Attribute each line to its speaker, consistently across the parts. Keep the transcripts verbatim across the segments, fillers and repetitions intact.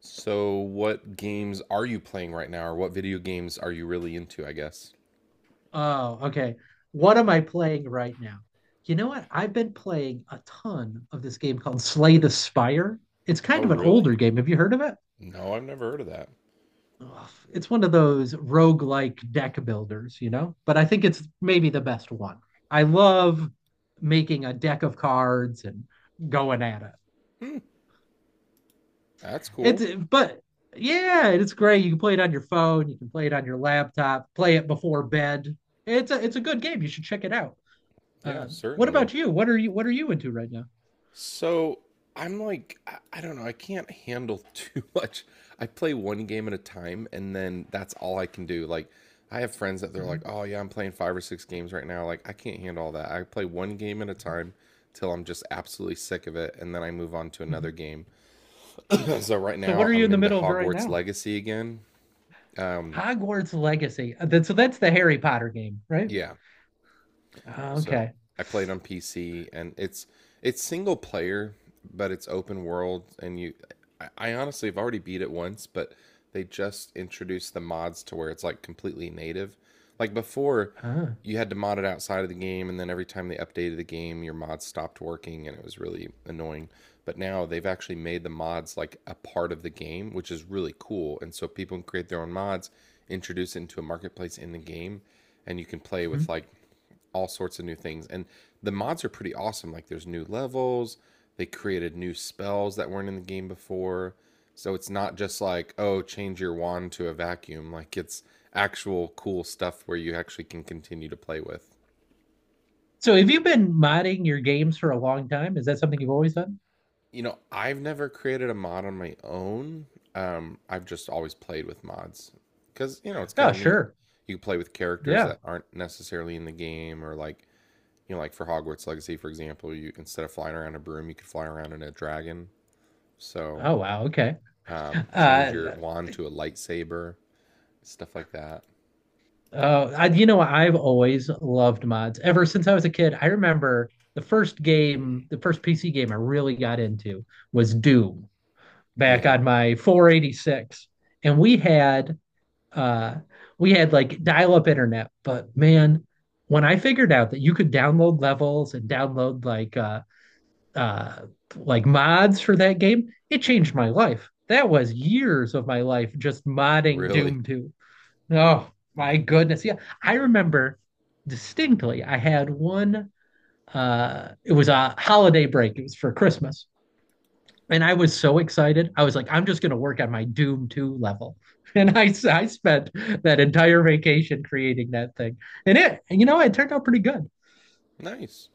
Speaker 1: So, what games are you playing right now, or what video games are you really into, I guess?
Speaker 2: Oh, okay. What am I playing right now? You know what? I've been playing a ton of this game called Slay the Spire. It's kind
Speaker 1: Oh,
Speaker 2: of an older
Speaker 1: really?
Speaker 2: game. Have you heard of it?
Speaker 1: No, I've never heard of that.
Speaker 2: Ugh, It's one of those roguelike deck builders, you know? But I think it's maybe the best one. I love making a deck of cards and going at it.
Speaker 1: That's
Speaker 2: It's
Speaker 1: cool.
Speaker 2: but yeah, it's great. You can play it on your phone, you can play it on your laptop, play it before bed. It's a it's a good game. You should check it out.
Speaker 1: Yeah,
Speaker 2: Uh, what
Speaker 1: certainly.
Speaker 2: about you? What are you What are you into right now?
Speaker 1: So, I'm like, I, I don't know, I can't handle too much. I play one game at a time, and then that's all I can do. Like, I have friends that they're like,
Speaker 2: Mm-hmm.
Speaker 1: oh, yeah, I'm playing five or six games right now. Like, I can't handle all that. I play one game at a time till I'm just absolutely sick of it, and then I move on to another
Speaker 2: Mm-hmm.
Speaker 1: game. So, right
Speaker 2: So what
Speaker 1: now,
Speaker 2: are you
Speaker 1: I'm
Speaker 2: in the
Speaker 1: into
Speaker 2: middle of right
Speaker 1: Hogwarts
Speaker 2: now?
Speaker 1: Legacy again.
Speaker 2: Hogwarts Legacy. Uh, so that's the Harry Potter game, right?
Speaker 1: Yeah.
Speaker 2: Ah,
Speaker 1: So
Speaker 2: okay.
Speaker 1: I played on P C, and it's it's single player, but it's open world, and you. I, I honestly have already beat it once, but they just introduced the mods to where it's like completely native. Like before,
Speaker 2: Ah.
Speaker 1: you had to mod it outside of the game, and then every time they updated the game, your mod stopped working, and it was really annoying. But now they've actually made the mods like a part of the game, which is really cool. And so people can create their own mods, introduce it into a marketplace in the game, and you can play with
Speaker 2: Mhm.
Speaker 1: like all sorts of new things. And the mods are pretty awesome. Like there's new levels, they created new spells that weren't in the game before. So it's not just like, oh, change your wand to a vacuum. Like it's actual cool stuff where you actually can continue to play with.
Speaker 2: So have you been modding your games for a long time? Is that something you've always done?
Speaker 1: You know, I've never created a mod on my own. Um, I've just always played with mods because, you know, it's kind
Speaker 2: Oh,
Speaker 1: of neat.
Speaker 2: sure.
Speaker 1: You can play with characters
Speaker 2: Yeah.
Speaker 1: that aren't necessarily in the game or like you know, like for Hogwarts Legacy, for example, you instead of flying around a broom, you could fly around in a dragon. So
Speaker 2: Oh, wow. Okay.
Speaker 1: um, change
Speaker 2: Uh,
Speaker 1: your wand to a lightsaber, stuff like that.
Speaker 2: uh, I, you know, I've always loved mods ever since I was a kid. I remember the first game, the first P C game I really got into was Doom, back
Speaker 1: Yeah,
Speaker 2: on my four eight six, and we had uh, we had like dial-up internet. But man, when I figured out that you could download levels and download like uh, uh, like mods for that game, it changed my life. That was years of my life just modding
Speaker 1: really
Speaker 2: Doom two. Oh my goodness. Yeah. I remember distinctly I had one uh it was a holiday break. It was for Christmas. And I was so excited. I was like, I'm just going to work on my Doom two level. And I I spent that entire vacation creating that thing. And it, you know, it turned out pretty good.
Speaker 1: nice.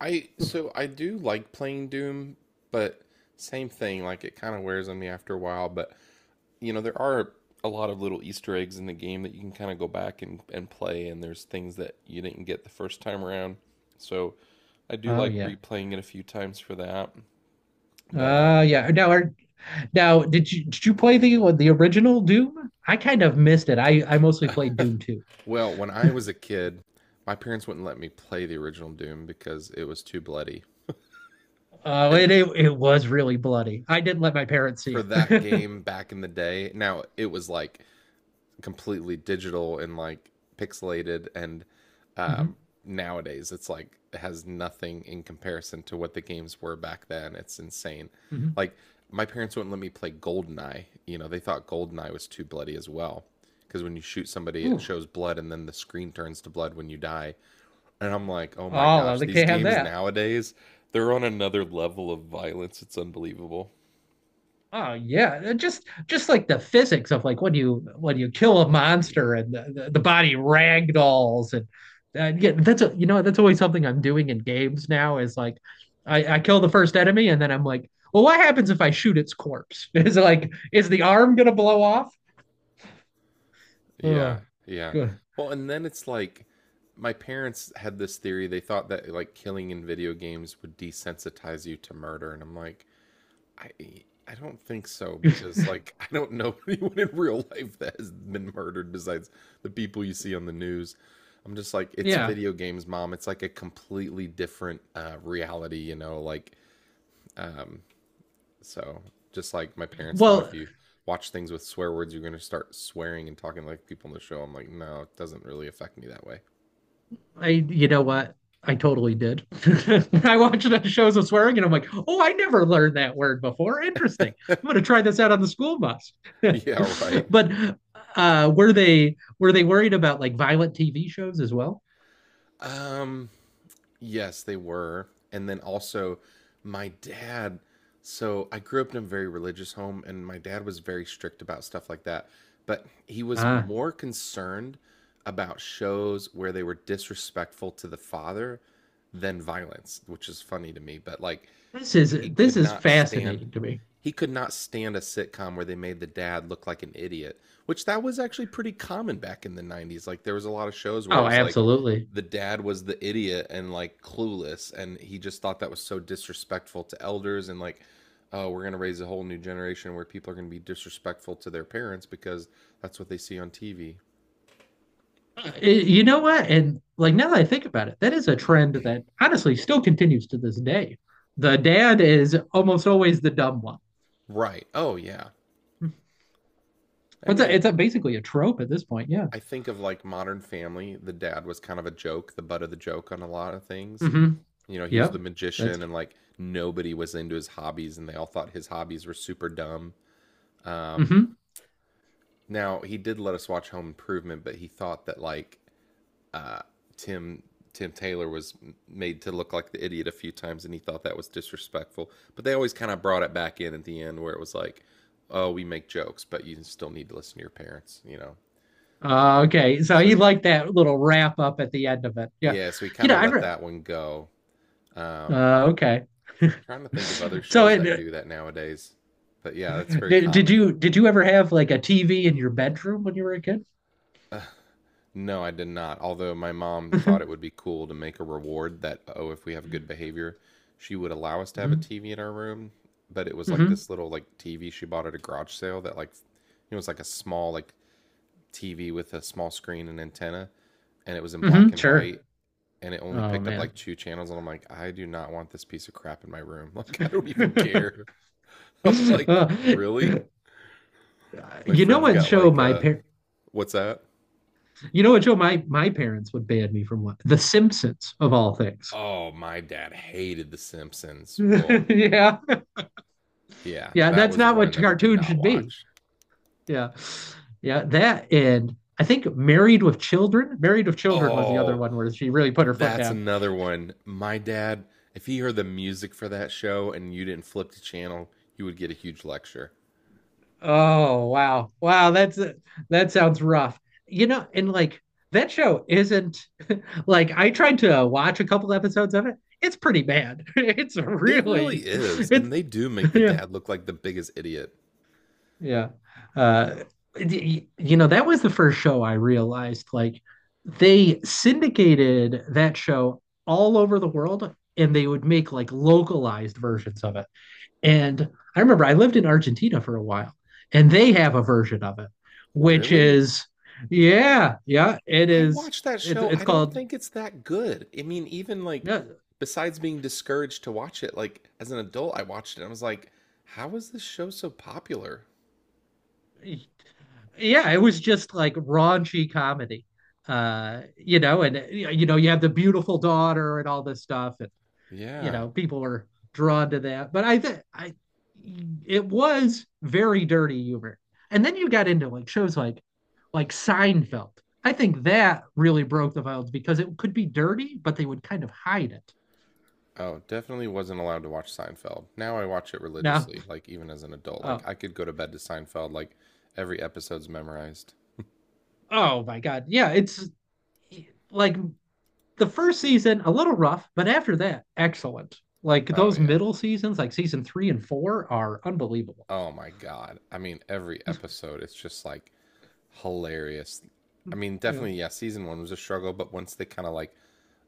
Speaker 1: I so I do like playing Doom, but same thing. Like it kind of wears on me after a while. But you know, there are a lot of little Easter eggs in the game that you can kind of go back and, and play. And there's things that you didn't get the first time around. So I do
Speaker 2: Oh
Speaker 1: like
Speaker 2: yeah.
Speaker 1: replaying it a few times for that. But
Speaker 2: Uh
Speaker 1: um,
Speaker 2: yeah. Now are now did you did you play the the original Doom? I kind of missed it. I I mostly played Doom two.
Speaker 1: Well, when I was a kid, my parents wouldn't let me play the original Doom because it was too bloody.
Speaker 2: Oh,
Speaker 1: And
Speaker 2: it, it it was really bloody. I didn't let my parents see
Speaker 1: for
Speaker 2: it.
Speaker 1: that game back in the day, now it was like completely digital and like pixelated and um
Speaker 2: hmm
Speaker 1: nowadays it's like it has nothing in comparison to what the games were back then. It's insane.
Speaker 2: hmm
Speaker 1: Like my parents wouldn't let me play Goldeneye. You know, they thought Goldeneye was too bloody as well because when you shoot somebody it
Speaker 2: Ooh.
Speaker 1: shows blood and then the screen turns to blood when you die. And I'm like, oh my
Speaker 2: Oh, well,
Speaker 1: gosh,
Speaker 2: they
Speaker 1: these
Speaker 2: can't have
Speaker 1: games
Speaker 2: that.
Speaker 1: nowadays, they're on another level of violence. It's unbelievable.
Speaker 2: Oh yeah. Uh, just just like the physics of like when you when you kill a monster and the, the, the body ragdolls and and yeah, that's a, you know, that's always something I'm doing in games now is like I, I kill the first enemy and then I'm like, well, what happens if I shoot its corpse? Is it like is the arm gonna blow off?
Speaker 1: Yeah,
Speaker 2: Oh,
Speaker 1: yeah.
Speaker 2: good.
Speaker 1: Well, and then it's like my parents had this theory. They thought that like killing in video games would desensitize you to murder. And I'm like, I I don't think so because like I don't know anyone in real life that has been murdered besides the people you see on the news. I'm just like, it's
Speaker 2: Yeah.
Speaker 1: video games, mom. It's like a completely different uh, reality, you know, like um, so just like my parents thought, if
Speaker 2: Well,
Speaker 1: you watch things with swear words, you're going to start swearing and talking like people on the show. I'm like, no, it doesn't really affect me that way.
Speaker 2: I, you know what? I totally did. I watched enough shows of swearing and I'm like, oh, I never learned that word before. Interesting. I'm going to try this out on the school bus.
Speaker 1: Yeah, right.
Speaker 2: But uh, were they were they worried about like violent T V shows as well?
Speaker 1: Um, Yes, they were. And then also, my dad. So I grew up in a very religious home, and my dad was very strict about stuff like that. But he was
Speaker 2: Ah, uh,
Speaker 1: more concerned about shows where they were disrespectful to the father than violence, which is funny to me. But like,
Speaker 2: this is
Speaker 1: he could
Speaker 2: this is
Speaker 1: not stand.
Speaker 2: fascinating to me.
Speaker 1: He could not stand a sitcom where they made the dad look like an idiot, which that was actually pretty common back in the nineties. Like there was a lot of shows where it
Speaker 2: Oh,
Speaker 1: was like
Speaker 2: absolutely.
Speaker 1: the dad was the idiot and like clueless and he just thought that was so disrespectful to elders and like oh we're going to raise a whole new generation where people are going to be disrespectful to their parents because that's what they see on T V.
Speaker 2: Uh, You know what? And like now that I think about it, that is a trend that honestly still continues to this day. The dad is almost always the dumb one.
Speaker 1: Right. Oh yeah. I
Speaker 2: It's a,
Speaker 1: mean,
Speaker 2: it's a basically a trope at this point. Yeah.
Speaker 1: I think of like Modern Family, the dad was kind of a joke, the butt of the joke on a lot of things.
Speaker 2: hmm
Speaker 1: You know, he was the
Speaker 2: Yep. That's
Speaker 1: magician and like nobody was into his hobbies and they all thought his hobbies were super dumb.
Speaker 2: hmm
Speaker 1: Now, he did let us watch Home Improvement, but he thought that like Tim Tim Taylor was made to look like the idiot a few times, and he thought that was disrespectful. But they always kind of brought it back in at the end, where it was like, "Oh, we make jokes, but you still need to listen to your parents," you know. So,
Speaker 2: Uh, okay. So he
Speaker 1: so
Speaker 2: liked that little wrap up at the end of it. Yeah.
Speaker 1: yeah, so he
Speaker 2: You
Speaker 1: kind
Speaker 2: know,
Speaker 1: of
Speaker 2: I
Speaker 1: let
Speaker 2: re
Speaker 1: that one go. Um,
Speaker 2: uh okay.
Speaker 1: Trying to think of other
Speaker 2: So
Speaker 1: shows that
Speaker 2: it,
Speaker 1: do that nowadays, but yeah, that's very
Speaker 2: did did
Speaker 1: common.
Speaker 2: you did you ever have like a T V in your bedroom when you were a kid?
Speaker 1: No, I did not. Although my mom thought it
Speaker 2: hmm
Speaker 1: would be cool to make a reward that, oh, if we have good behavior, she would allow us to have a T V in our room. But it was like
Speaker 2: hmm
Speaker 1: this little like T V she bought at a garage sale that like it was like a small like T V with a small screen and antenna, and it was in black
Speaker 2: hmm
Speaker 1: and
Speaker 2: Sure.
Speaker 1: white, and it only
Speaker 2: Oh
Speaker 1: picked up
Speaker 2: man.
Speaker 1: like two channels. And I'm like, I do not want this piece of crap in my room. Like I don't even care. I'm like,
Speaker 2: Uh,
Speaker 1: really? My
Speaker 2: you know
Speaker 1: friends
Speaker 2: what
Speaker 1: got
Speaker 2: show
Speaker 1: like,
Speaker 2: my
Speaker 1: uh,
Speaker 2: par
Speaker 1: what's that?
Speaker 2: you know what show my my parents would ban me from? What? The Simpsons of all things.
Speaker 1: Oh, my dad hated The Simpsons. Whoa,
Speaker 2: Yeah.
Speaker 1: yeah,
Speaker 2: Yeah,
Speaker 1: that
Speaker 2: that's
Speaker 1: was
Speaker 2: not
Speaker 1: one
Speaker 2: what
Speaker 1: that we could
Speaker 2: cartoon
Speaker 1: not
Speaker 2: should be.
Speaker 1: watch.
Speaker 2: Yeah. Yeah. That and I think Married with Children. Married with Children was the other
Speaker 1: Oh,
Speaker 2: one where she really put her foot
Speaker 1: that's
Speaker 2: down.
Speaker 1: another one. My dad, if he heard the music for that show and you didn't flip the channel, you would get a huge lecture.
Speaker 2: Oh, wow. Wow. That's that sounds rough. You know, and like that show isn't like I tried to watch a couple episodes of it. It's pretty bad. It's
Speaker 1: It
Speaker 2: really
Speaker 1: really is.
Speaker 2: it's
Speaker 1: And they do make the
Speaker 2: Yeah.
Speaker 1: dad look like the biggest idiot.
Speaker 2: Yeah. Uh, y- you know, that was the first show I realized like they syndicated that show all over the world and they would make like localized versions of it. And I remember I lived in Argentina for a while and they have a version of it, which
Speaker 1: Really?
Speaker 2: is, yeah, yeah, it
Speaker 1: I
Speaker 2: is.
Speaker 1: watched that
Speaker 2: It's,
Speaker 1: show.
Speaker 2: it's
Speaker 1: I don't
Speaker 2: called,
Speaker 1: think it's that good. I mean, even like,
Speaker 2: yeah,
Speaker 1: besides being discouraged to watch it, like as an adult, I watched it and I was like, how is this show so popular?
Speaker 2: yeah, it was just like raunchy comedy. Uh, you know, and you know, you have the beautiful daughter and all this stuff, you
Speaker 1: Yeah.
Speaker 2: know people are drawn to that. But I think I it was very dirty humor. And then you got into like shows like like Seinfeld. I think that really broke the violence because it could be dirty, but they would kind of hide it.
Speaker 1: Oh, definitely wasn't allowed to watch Seinfeld. Now I watch it
Speaker 2: Now,
Speaker 1: religiously, like even as an adult. Like
Speaker 2: oh,
Speaker 1: I could go to bed to Seinfeld, like every episode's memorized.
Speaker 2: oh my God. Yeah, it's like the first season, a little rough, but after that, excellent. Like
Speaker 1: Oh
Speaker 2: those
Speaker 1: yeah.
Speaker 2: middle seasons, like season three and four, are unbelievable.
Speaker 1: Oh my God. I mean, every episode, it's just like hilarious. I mean,
Speaker 2: Yeah.
Speaker 1: definitely, yeah, season one was a struggle, but once they kind of like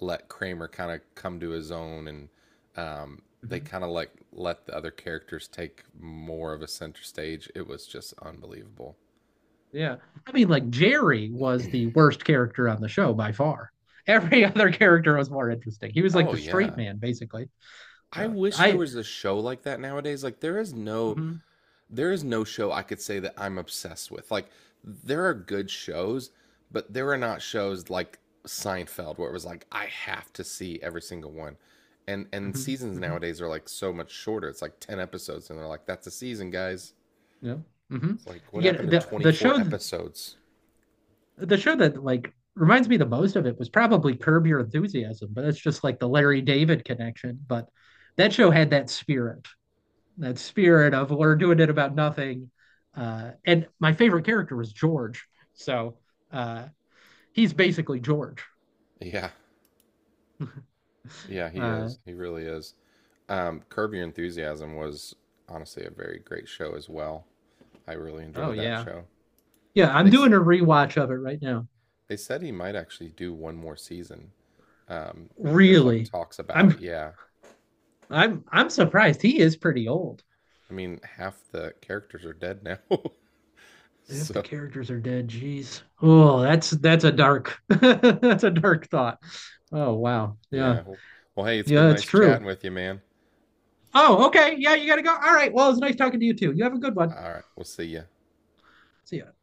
Speaker 1: let Kramer kind of come to his own and um, they
Speaker 2: Mm-hmm.
Speaker 1: kind of like let the other characters take more of a center stage, it was just unbelievable.
Speaker 2: Yeah. I mean, like Jerry was the worst character on the show by far. Every other character was more interesting. He was like
Speaker 1: Oh
Speaker 2: the straight
Speaker 1: yeah.
Speaker 2: man, basically.
Speaker 1: I
Speaker 2: Uh,
Speaker 1: wish there
Speaker 2: I,
Speaker 1: was a show like that nowadays. Like there is no
Speaker 2: mhm,
Speaker 1: there is no show I could say that I'm obsessed with. Like there are good shows, but there are not shows like Seinfeld where it was like I have to see every single one. And and
Speaker 2: mhm,
Speaker 1: seasons
Speaker 2: mhm,
Speaker 1: nowadays are like so much shorter. It's like ten episodes and they're like that's a season, guys.
Speaker 2: yeah, mhm.
Speaker 1: It's like what
Speaker 2: Yeah,
Speaker 1: happened to
Speaker 2: the the
Speaker 1: twenty-four
Speaker 2: show
Speaker 1: episodes?
Speaker 2: the show that like reminds me the most of it was probably Curb Your Enthusiasm, but it's just like the Larry David connection. But that show had that spirit, that spirit of we're doing it about nothing. Uh, and my favorite character was George, so uh, he's basically George.
Speaker 1: Yeah. Yeah, he
Speaker 2: Uh,
Speaker 1: is. He really is. Um Curb Your Enthusiasm was honestly a very great show as well. I really
Speaker 2: oh
Speaker 1: enjoyed that
Speaker 2: yeah,
Speaker 1: show.
Speaker 2: yeah. I'm
Speaker 1: They
Speaker 2: doing a rewatch of it right now.
Speaker 1: They said he might actually do one more season. Um, there's like
Speaker 2: Really,
Speaker 1: talks about
Speaker 2: I'm
Speaker 1: it. Yeah.
Speaker 2: I'm I'm surprised. He is pretty old.
Speaker 1: I mean, half the characters are dead now.
Speaker 2: If the
Speaker 1: So,
Speaker 2: characters are dead, geez. Oh, that's that's a dark that's a dark thought. Oh wow, yeah,
Speaker 1: yeah. Well, hey, it's been
Speaker 2: yeah, it's
Speaker 1: nice chatting
Speaker 2: true.
Speaker 1: with you, man.
Speaker 2: Oh, okay, yeah, you gotta go. All right. Well, it's nice talking to you too. You have a good one.
Speaker 1: All right. We'll see you.
Speaker 2: See ya.